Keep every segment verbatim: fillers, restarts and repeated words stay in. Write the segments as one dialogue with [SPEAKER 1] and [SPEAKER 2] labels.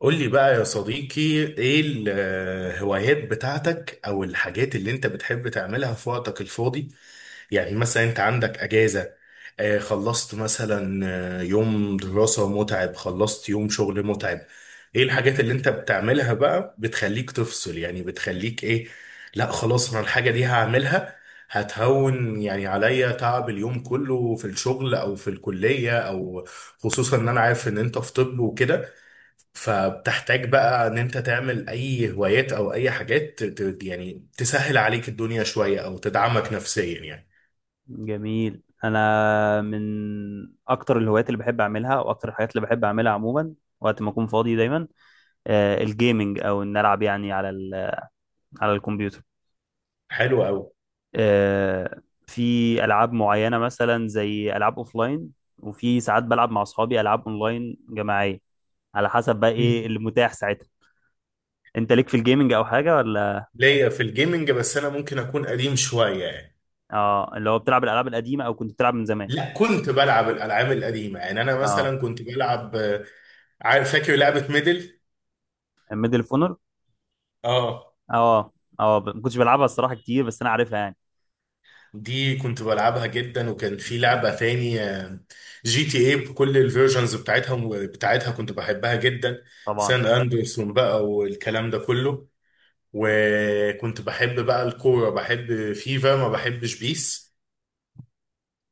[SPEAKER 1] قول لي بقى يا صديقي، ايه الهوايات بتاعتك او الحاجات اللي انت بتحب تعملها في وقتك الفاضي؟ يعني مثلا انت عندك اجازة. آه، خلصت مثلا. آه، يوم دراسة متعب، خلصت يوم شغل متعب. ايه الحاجات اللي انت بتعملها بقى بتخليك تفصل؟ يعني بتخليك ايه؟ لا خلاص انا الحاجة دي هعملها، هتهون يعني عليا تعب اليوم كله في الشغل او في الكلية او، خصوصا ان انا عارف ان انت في طب وكده، فبتحتاج بقى ان انت تعمل اي هوايات او اي حاجات ت- ت- يعني تسهل عليك الدنيا شوية او تدعمك نفسيا يعني.
[SPEAKER 2] جميل. انا من اكتر الهوايات اللي بحب اعملها واكتر الحاجات اللي بحب اعملها عموما وقت ما اكون فاضي دايما، آه، الجيمنج او ان العب يعني على ال- على الكمبيوتر.
[SPEAKER 1] حلو قوي.
[SPEAKER 2] آه، في العاب معينه مثلا زي العاب اوفلاين، وفي ساعات بلعب مع اصحابي العاب اونلاين جماعيه على حسب بقى ايه
[SPEAKER 1] مم.
[SPEAKER 2] اللي متاح ساعتها. انت ليك في الجيمنج او حاجه ولا؟
[SPEAKER 1] ليا في الجيمنج، بس انا ممكن اكون قديم شوية يعني.
[SPEAKER 2] اه، اللي هو بتلعب الالعاب القديمه او كنت بتلعب من زمان.
[SPEAKER 1] لا كنت بلعب الالعاب القديمة، يعني انا
[SPEAKER 2] اه،
[SPEAKER 1] مثلا كنت بلعب، آه، عارف فاكر لعبة ميدل؟
[SPEAKER 2] ميدل فونر.
[SPEAKER 1] اه.
[SPEAKER 2] اه اه، ب- ما كنتش بلعبها الصراحه كتير بس انا عارفها يعني.
[SPEAKER 1] دي كنت بلعبها جدا، وكان في لعبة تانية جي تي اي بكل الفيرجنز بتاعتها بتاعتها كنت بحبها جدا.
[SPEAKER 2] طبعا.
[SPEAKER 1] سان اندرسون بقى والكلام ده كله. وكنت بحب بقى الكورة، بحب فيفا، ما بحبش بيس.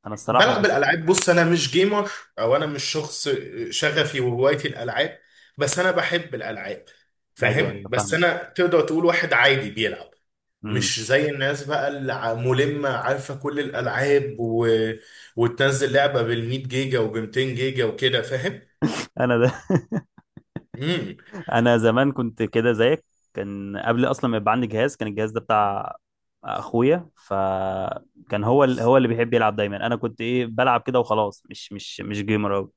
[SPEAKER 2] انا الصراحه ما
[SPEAKER 1] بلعب
[SPEAKER 2] كنت.
[SPEAKER 1] الألعاب، بص أنا مش جيمر، أو أنا مش شخص شغفي وهوايتي الألعاب. بس أنا بحب الألعاب،
[SPEAKER 2] ايوه
[SPEAKER 1] فاهم؟
[SPEAKER 2] ايوه،
[SPEAKER 1] بس
[SPEAKER 2] فاهمك.
[SPEAKER 1] أنا تقدر تقول واحد عادي بيلعب.
[SPEAKER 2] امم
[SPEAKER 1] مش زي الناس بقى اللي ع- ملمة عارفة كل الألعاب و... وتنزل لعبة بال100 جيجا وب200 جيجا وكده، فاهم؟
[SPEAKER 2] انا ده.
[SPEAKER 1] امم
[SPEAKER 2] انا زمان كنت كده زيك، كان قبل اصلا ما يبقى عندي جهاز، كان الجهاز ده بتاع اخويا، فكان هو ال... هو اللي بيحب يلعب دايما. انا كنت ايه بلعب كده وخلاص، مش مش مش جيمر أوي.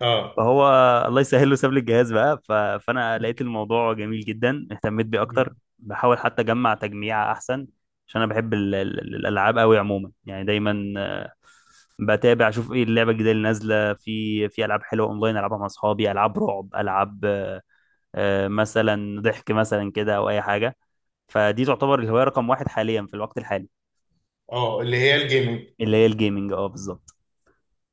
[SPEAKER 1] اه.
[SPEAKER 2] فهو الله يسهل له ساب لي الجهاز بقى، ف... فانا لقيت الموضوع جميل جدا، اهتميت بيه اكتر.
[SPEAKER 1] مم.
[SPEAKER 2] بحاول حتى اجمع تجميع احسن، عشان انا بحب ال... ال- ال- الالعاب قوي عموما، يعني دايما آه، بتابع اشوف ايه اللعبه الجديده اللي نازله، في في العاب حلوه اونلاين العبها مع اصحابي، العاب رعب، العاب آه، آه، مثلا ضحك مثلا كده او اي حاجه. فدي تعتبر الهوايه رقم واحد حاليا في الوقت الحالي.
[SPEAKER 1] اه اللي هي الجيمنج.
[SPEAKER 2] اللي هي الجيمنج، اه بالظبط.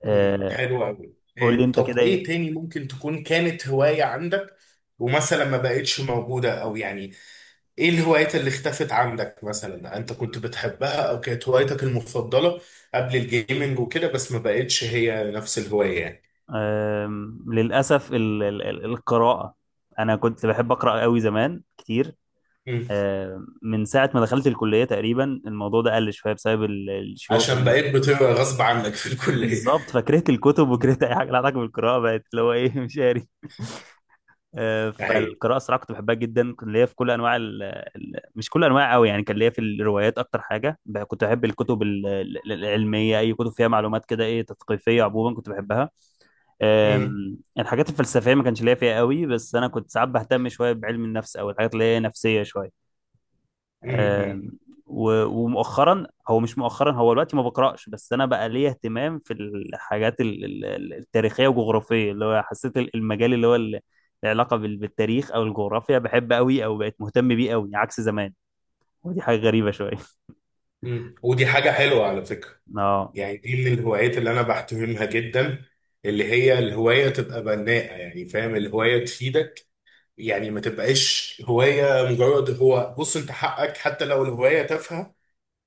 [SPEAKER 1] مم،
[SPEAKER 2] آه،
[SPEAKER 1] حلو قوي.
[SPEAKER 2] قول لي
[SPEAKER 1] إيه
[SPEAKER 2] انت
[SPEAKER 1] طب
[SPEAKER 2] كده، إيه؟
[SPEAKER 1] ايه تاني ممكن تكون كانت هواية عندك، ومثلا ما بقتش موجودة، او يعني ايه الهوايات اللي اختفت عندك مثلا؟ انت كنت بتحبها او كانت هوايتك المفضلة قبل الجيمنج وكده، بس ما بقتش هي نفس الهواية يعني.
[SPEAKER 2] أم، للأسف، ال- ال- ال- القراءة. أنا كنت بحب أقرأ قوي زمان كتير.
[SPEAKER 1] مم.
[SPEAKER 2] أم، من ساعة ما دخلت الكلية تقريبا الموضوع ده قل شوية بسبب ال- الشو
[SPEAKER 1] عشان
[SPEAKER 2] ال-
[SPEAKER 1] بقيت بتبقى غصب عنك في الكلية.
[SPEAKER 2] بالظبط. فكرهت الكتب،
[SPEAKER 1] مم.
[SPEAKER 2] وكرهت أي حاجة لها علاقة بالقراءة، بقت اللي هو إيه مش قاري. أه،
[SPEAKER 1] اهي.
[SPEAKER 2] فالقراءة صراحة كنت بحبها جدا، كنت ليا في كل أنواع ال... ال- مش كل أنواع قوي يعني، كان ليا في الروايات أكتر حاجة، ب- كنت بحب الكتب ال- ال- العلمية، أي كتب فيها معلومات كده إيه تثقيفية عموما كنت بحبها.
[SPEAKER 1] مم،
[SPEAKER 2] أم، الحاجات الفلسفية ما كانش ليا فيها قوي، بس أنا كنت ساعات بهتم شوية بعلم النفس أو الحاجات اللي هي نفسية شوية.
[SPEAKER 1] مم.
[SPEAKER 2] أم،
[SPEAKER 1] مم،
[SPEAKER 2] و- ومؤخرا، هو مش مؤخرا، هو دلوقتي ما بقرأش، بس أنا بقى ليا اهتمام في الحاجات ال- ال- ال- التاريخية والجغرافية، اللي هو حسيت ال- المجال اللي هو ال- العلاقة بال- بالتاريخ أو الجغرافيا بحب قوي، أو بقيت مهتم بيه قوي عكس زمان. ودي حاجة غريبة شوية.
[SPEAKER 1] مم. ودي حاجة حلوة على فكرة.
[SPEAKER 2] اه
[SPEAKER 1] يعني دي اللي الهوايات اللي انا بحترمها جدا، اللي هي الهوايه تبقى بناءه، يعني فاهم الهوايه تفيدك. يعني ما تبقاش هوايه مجرد، هو بص انت حقك حتى لو الهوايه تافهه،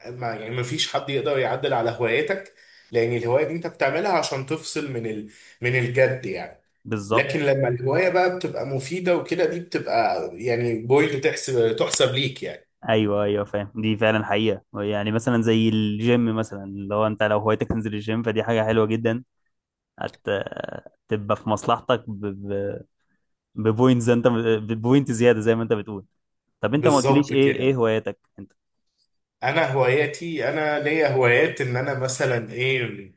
[SPEAKER 1] ما يعني ما فيش حد يقدر يعدل على هوايتك، لان الهوايه دي انت بتعملها عشان تفصل من ال... من الجد يعني.
[SPEAKER 2] بالظبط.
[SPEAKER 1] لكن لما الهوايه بقى بتبقى مفيده وكده، دي بتبقى يعني بوينت تحسب تحسب ليك يعني.
[SPEAKER 2] ايوه ايوه فاهم. دي فعلا حقيقه، يعني مثلا زي الجيم مثلا، اللي هو انت لو هوايتك تنزل الجيم فدي حاجه حلوه جدا. هت تبقى في مصلحتك ب... ب... ببوينتز، انت ببوينت زياده زي ما انت بتقول. طب انت ما قلتليش
[SPEAKER 1] بالظبط
[SPEAKER 2] ايه ايه
[SPEAKER 1] كده.
[SPEAKER 2] هواياتك انت.
[SPEAKER 1] انا هواياتي، انا ليا هوايات ان انا مثلا ايه،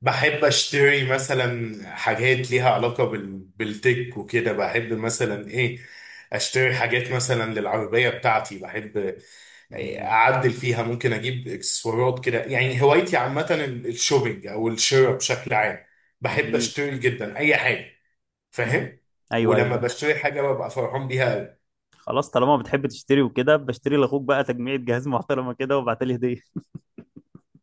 [SPEAKER 1] بحب اشتري مثلا حاجات ليها علاقة بال... بالتك وكده. بحب مثلا ايه، اشتري حاجات مثلا للعربية بتاعتي. بحب إيه
[SPEAKER 2] جميل.
[SPEAKER 1] اعدل فيها، ممكن اجيب اكسسوارات كده. يعني هوايتي عامة ال- الشوبينج او الشراء بشكل عام. بحب
[SPEAKER 2] جميل.
[SPEAKER 1] اشتري جدا اي حاجة.
[SPEAKER 2] مم.
[SPEAKER 1] فاهم؟
[SPEAKER 2] ايوه ايوه
[SPEAKER 1] ولما
[SPEAKER 2] بقى.
[SPEAKER 1] بشتري حاجة ببقى فرحان بيها.
[SPEAKER 2] خلاص، طالما بتحب تشتري وكده بشتري لاخوك بقى تجميعة جهاز محترمه كده وابعتلي هديه.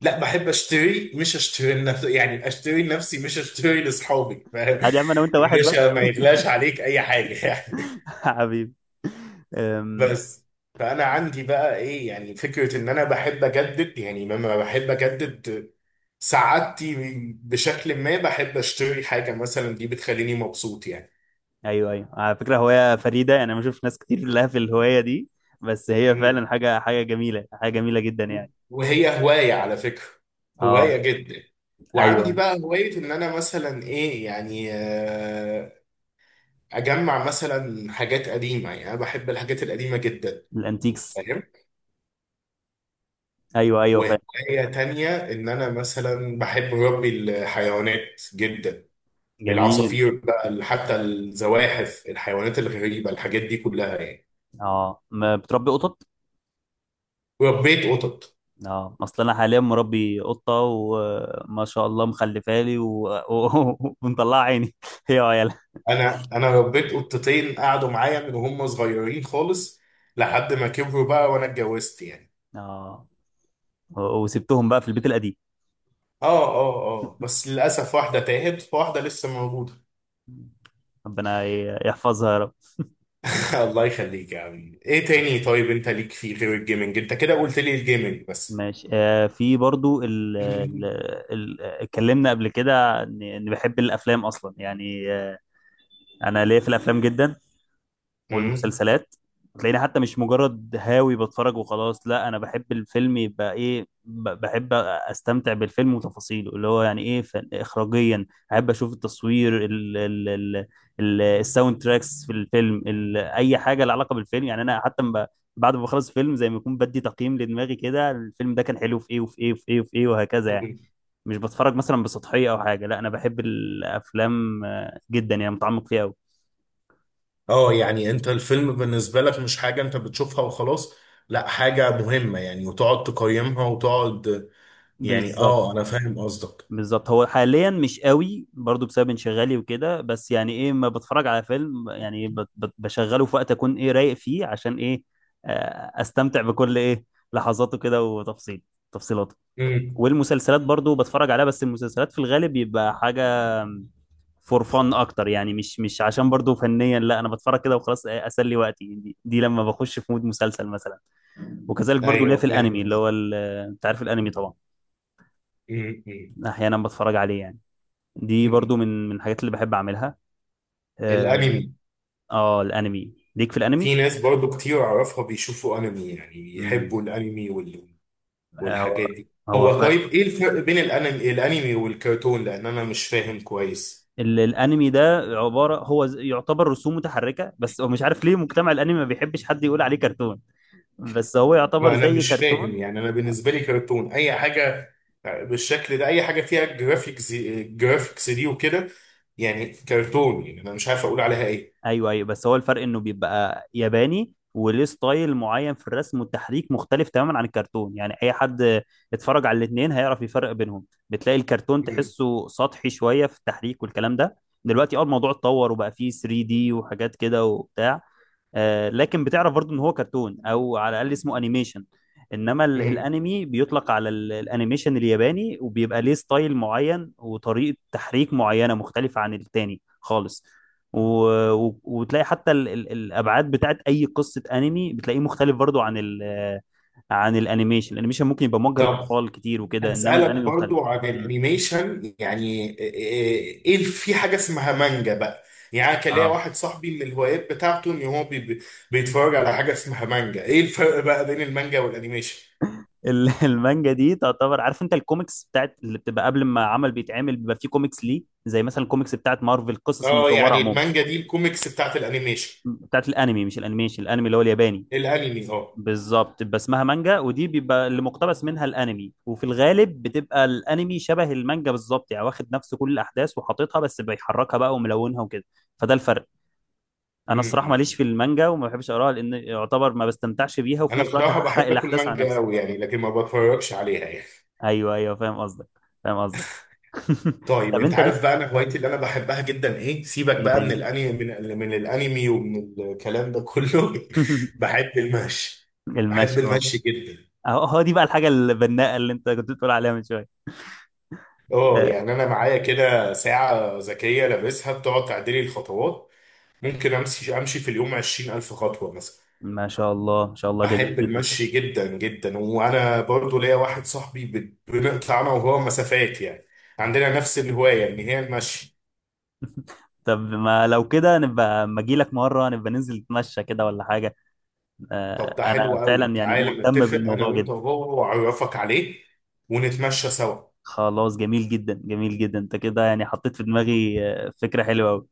[SPEAKER 1] لا بحب اشتري، مش اشتري لنفسي يعني، اشتري لنفسي مش اشتري لاصحابي، فاهم؟
[SPEAKER 2] عادي يا عم، انا وانت
[SPEAKER 1] يا
[SPEAKER 2] واحد بقى.
[SPEAKER 1] باشا ما يغلاش عليك اي حاجه يعني.
[SPEAKER 2] حبيبي. أم،
[SPEAKER 1] بس، فانا عندي بقى ايه، يعني فكره ان انا بحب اجدد. يعني لما بحب اجدد سعادتي بشكل ما، بحب اشتري حاجه مثلا دي بتخليني مبسوط يعني.
[SPEAKER 2] ايوه ايوه، على فكره هوايه فريده، يعني انا ما بشوفش ناس كتير لها في الهوايه دي، بس هي فعلا
[SPEAKER 1] مم.
[SPEAKER 2] حاجه حاجه جميله، حاجه جميله جدا يعني.
[SPEAKER 1] وهي هوايه على فكره،
[SPEAKER 2] اه
[SPEAKER 1] هوايه جدا.
[SPEAKER 2] ايوه
[SPEAKER 1] وعندي
[SPEAKER 2] أيوه.
[SPEAKER 1] بقى هوايه ان انا مثلا ايه يعني، آه، اجمع مثلا حاجات قديمه. يعني انا بحب الحاجات القديمه جدا،
[SPEAKER 2] الانتيكس.
[SPEAKER 1] فاهم؟
[SPEAKER 2] ايوه ايوه فعلا.
[SPEAKER 1] وهوايه تانية ان انا مثلا بحب ربي الحيوانات جدا.
[SPEAKER 2] جميل.
[SPEAKER 1] العصافير بقى، ال- حتى الزواحف، الحيوانات الغريبه، الحاجات دي كلها يعني.
[SPEAKER 2] اه، ما بتربي قطط.
[SPEAKER 1] ربيت قطط.
[SPEAKER 2] اه، اصل انا حاليا مربي قطه وما شاء الله مخلفه لي و... و... ومطلعه عيني هي وعيالها.
[SPEAKER 1] انا انا ربيت قطتين قعدوا معايا من هم صغيرين خالص، لحد ما كبروا بقى وانا اتجوزت يعني.
[SPEAKER 2] اه، و- وسبتهم بقى في البيت القديم.
[SPEAKER 1] اه، اه، اه، بس للاسف واحده تاهت، واحده لسه موجوده.
[SPEAKER 2] ربنا ي- يحفظها يا رب.
[SPEAKER 1] الله يخليك يا عم. ايه تاني؟ طيب انت ليك فيه غير الجيمنج؟ انت كده قلت لي الجيمنج بس.
[SPEAKER 2] ماشي، آه في برضو ال ال
[SPEAKER 1] مم.
[SPEAKER 2] ال اتكلمنا قبل كده اني إني بحب الافلام اصلا يعني، آه انا ليا في الافلام جدا،
[SPEAKER 1] مم.
[SPEAKER 2] والمسلسلات. تلاقيني حتى مش مجرد هاوي بتفرج وخلاص، لا انا بحب الفيلم يبقى ايه، ب- بحب استمتع بالفيلم وتفاصيله، اللي هو يعني ايه فن- اخراجيا. احب اشوف التصوير، ال ال ال ال الساوند تراكس في الفيلم، ال اي حاجه لها علاقه بالفيلم يعني. انا حتى ب- بعد ما بخلص فيلم زي ما يكون بدي تقييم لدماغي كده، الفيلم ده كان حلو في ايه وفي ايه وفي ايه وفي ايه وهكذا يعني. مش بتفرج مثلا بسطحيه او حاجه، لا انا بحب الافلام آه، جدا يعني، متعمق فيها قوي.
[SPEAKER 1] اه يعني انت الفيلم بالنسبة لك مش حاجة انت بتشوفها وخلاص، لا حاجة مهمة يعني، وتقعد تقيمها وتقعد. يعني
[SPEAKER 2] بالظبط
[SPEAKER 1] اه انا فاهم قصدك.
[SPEAKER 2] بالظبط. هو حاليا مش قوي برضو بسبب انشغالي وكده، بس يعني ايه ما بتفرج على فيلم يعني ب- ب- بشغله في وقت اكون ايه رايق فيه، عشان ايه آه، استمتع بكل ايه لحظاته كده، وتفصيل تفصيلاته.
[SPEAKER 1] مم.
[SPEAKER 2] والمسلسلات برضو بتفرج عليها، بس المسلسلات في الغالب بيبقى حاجة فور فن اكتر يعني، مش مش عشان برضو فنيا، لا انا بتفرج كده وخلاص، إيه، اسلي وقتي، دي, دي لما بخش في مود مسلسل مثلا. وكذلك برضو ليا في
[SPEAKER 1] ايوه فاهم
[SPEAKER 2] الانمي اللي
[SPEAKER 1] قصدك.
[SPEAKER 2] هو ال- انت عارف الانمي طبعا.
[SPEAKER 1] مم. مم.
[SPEAKER 2] احيانا بتفرج عليه يعني، دي برضو
[SPEAKER 1] مم.
[SPEAKER 2] من من الحاجات اللي بحب اعملها. اه،
[SPEAKER 1] الانمي.
[SPEAKER 2] آه، الانمي، ليك في الانمي؟
[SPEAKER 1] في ناس برضو كتير اعرفها بيشوفوا انمي، يعني
[SPEAKER 2] امم
[SPEAKER 1] بيحبوا الانمي
[SPEAKER 2] هو
[SPEAKER 1] والحاجات دي.
[SPEAKER 2] هو ف...
[SPEAKER 1] هو طيب ايه الفرق بين الانمي الانمي والكرتون؟ لان انا مش فاهم كويس.
[SPEAKER 2] ال- الانمي ده عباره، هو ز- يعتبر رسوم متحركه، بس هو مش عارف ليه مجتمع الانمي ما بيحبش حد يقول عليه كرتون، بس هو يعتبر
[SPEAKER 1] ما انا
[SPEAKER 2] زي
[SPEAKER 1] مش
[SPEAKER 2] كرتون.
[SPEAKER 1] فاهم يعني، انا بالنسبه لي كرتون اي حاجه بالشكل ده، اي حاجه فيها جرافيكس، جرافيكس دي وكده يعني كرتون. يعني انا مش عارف اقول عليها ايه.
[SPEAKER 2] ايوه ايوه، بس هو الفرق انه بيبقى ياباني وليه ستايل معين في الرسم والتحريك مختلف تماما عن الكرتون، يعني اي حد اتفرج على الاتنين هيعرف يفرق بينهم، بتلاقي الكرتون
[SPEAKER 1] مم.
[SPEAKER 2] تحسه سطحي شويه في التحريك والكلام ده. دلوقتي اه الموضوع اتطور وبقى فيه ثري دي وحاجات كده وبتاع، آه، لكن بتعرف برضو ان هو كرتون او على الاقل اسمه انيميشن. انما ال-
[SPEAKER 1] مم.
[SPEAKER 2] الانمي بيطلق على ال- الانيميشن الياباني، وبيبقى ليه ستايل معين وطريقة تحريك معينة مختلفة عن التاني خالص. و... و... وتلاقي حتى ال... ال... الابعاد بتاعت اي قصة انمي بتلاقيه مختلف برضو عن ال... عن الانيميشن. الانيميشن ممكن يبقى موجه
[SPEAKER 1] طب
[SPEAKER 2] للاطفال كتير وكده، انما
[SPEAKER 1] هسألك
[SPEAKER 2] الانمي مختلف.
[SPEAKER 1] برضو عن
[SPEAKER 2] م.
[SPEAKER 1] الانيميشن، يعني ايه إيه- في حاجة اسمها مانجا بقى؟ يعني أنا كان ليا
[SPEAKER 2] اه
[SPEAKER 1] واحد صاحبي من الهوايات بتاعته ان هو بي بي- بيتفرج على حاجة اسمها مانجا. ايه الفرق بقى بين المانجا والانيميشن؟
[SPEAKER 2] ال- المانجا دي تعتبر، عارف انت الكوميكس بتاعت اللي بتبقى قبل ما عمل بيتعمل، بيبقى فيه كوميكس ليه زي مثلا الكوميكس بتاعت مارفل، القصص
[SPEAKER 1] اه
[SPEAKER 2] المصوره
[SPEAKER 1] يعني
[SPEAKER 2] عموما.
[SPEAKER 1] المانجا دي الكوميكس بتاعت الانيميشن.
[SPEAKER 2] بتاعت الانمي، مش الانيميشن، الانمي اللي هو الياباني.
[SPEAKER 1] الانمي، اه.
[SPEAKER 2] بالظبط، بتبقى اسمها مانجا، ودي بيبقى اللي مقتبس منها الانمي، وفي الغالب بتبقى الانمي شبه المانجا بالظبط يعني، واخد نفس كل الاحداث وحاططها، بس بيحركها بقى وملونها وكده، فده الفرق.
[SPEAKER 1] م-
[SPEAKER 2] انا الصراحه ماليش في
[SPEAKER 1] م.
[SPEAKER 2] المانجا وما بحبش اقراها لان يعتبر ما بستمتعش بيها، وفي
[SPEAKER 1] انا
[SPEAKER 2] نفس الوقت
[SPEAKER 1] بصراحة
[SPEAKER 2] هحرق
[SPEAKER 1] بحب اكل
[SPEAKER 2] الاحداث على
[SPEAKER 1] مانجا
[SPEAKER 2] نفسي.
[SPEAKER 1] قوي يعني، لكن ما بتفرجش عليها يعني.
[SPEAKER 2] ايوه ايوه فاهم قصدك، فاهم قصدك.
[SPEAKER 1] طيب
[SPEAKER 2] طب
[SPEAKER 1] انت
[SPEAKER 2] انت ليك
[SPEAKER 1] عارف بقى انا هوايتي اللي انا بحبها جدا ايه؟ سيبك
[SPEAKER 2] ايه
[SPEAKER 1] بقى من
[SPEAKER 2] تاني؟
[SPEAKER 1] الانمي، من, ال- من الانمي ومن الكلام ده كله. بحب المشي. بحب
[SPEAKER 2] المشي والله.
[SPEAKER 1] المشي جدا.
[SPEAKER 2] اهو هو دي بقى الحاجه البناءه اللي انت كنت بتقول عليها من شويه.
[SPEAKER 1] اه
[SPEAKER 2] آه،
[SPEAKER 1] يعني انا معايا كده ساعة ذكية لابسها بتقعد تعدلي الخطوات. ممكن امشي امشي في اليوم عشرين ألف خطوة مثلا.
[SPEAKER 2] ما شاء الله ما شاء الله، جميل
[SPEAKER 1] بحب
[SPEAKER 2] جدا.
[SPEAKER 1] المشي جدا جدا. وانا برضو ليا واحد صاحبي بن- بنقطع انا وهو مسافات يعني، عندنا نفس الهواية ان هي المشي.
[SPEAKER 2] طب ما لو كده نبقى اما اجي لك مره نبقى ننزل نتمشى كده ولا حاجه.
[SPEAKER 1] طب
[SPEAKER 2] آه،
[SPEAKER 1] ده حلو
[SPEAKER 2] انا
[SPEAKER 1] قوي،
[SPEAKER 2] فعلا يعني
[SPEAKER 1] تعالى
[SPEAKER 2] مهتم
[SPEAKER 1] نتفق انا
[SPEAKER 2] بالموضوع
[SPEAKER 1] وانت
[SPEAKER 2] جدا.
[SPEAKER 1] وهو، واعرفك عليه ونتمشى سوا.
[SPEAKER 2] خلاص، جميل جدا جميل جدا، انت كده يعني حطيت في دماغي آه، فكره حلوه قوي.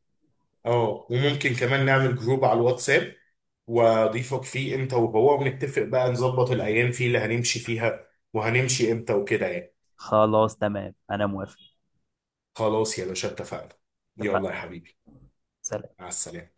[SPEAKER 1] اه وممكن كمان نعمل جروب على الواتساب، واضيفك فيه انت وهو، ونتفق بقى نظبط الايام فيه اللي هنمشي فيها، وهنمشي امتى وكده يعني.
[SPEAKER 2] خلاص تمام، انا موافق.
[SPEAKER 1] خلاص يا باشا اتفقنا. يلا يا
[SPEAKER 2] اتفقنا.
[SPEAKER 1] حبيبي،
[SPEAKER 2] سلام.
[SPEAKER 1] مع السلامة.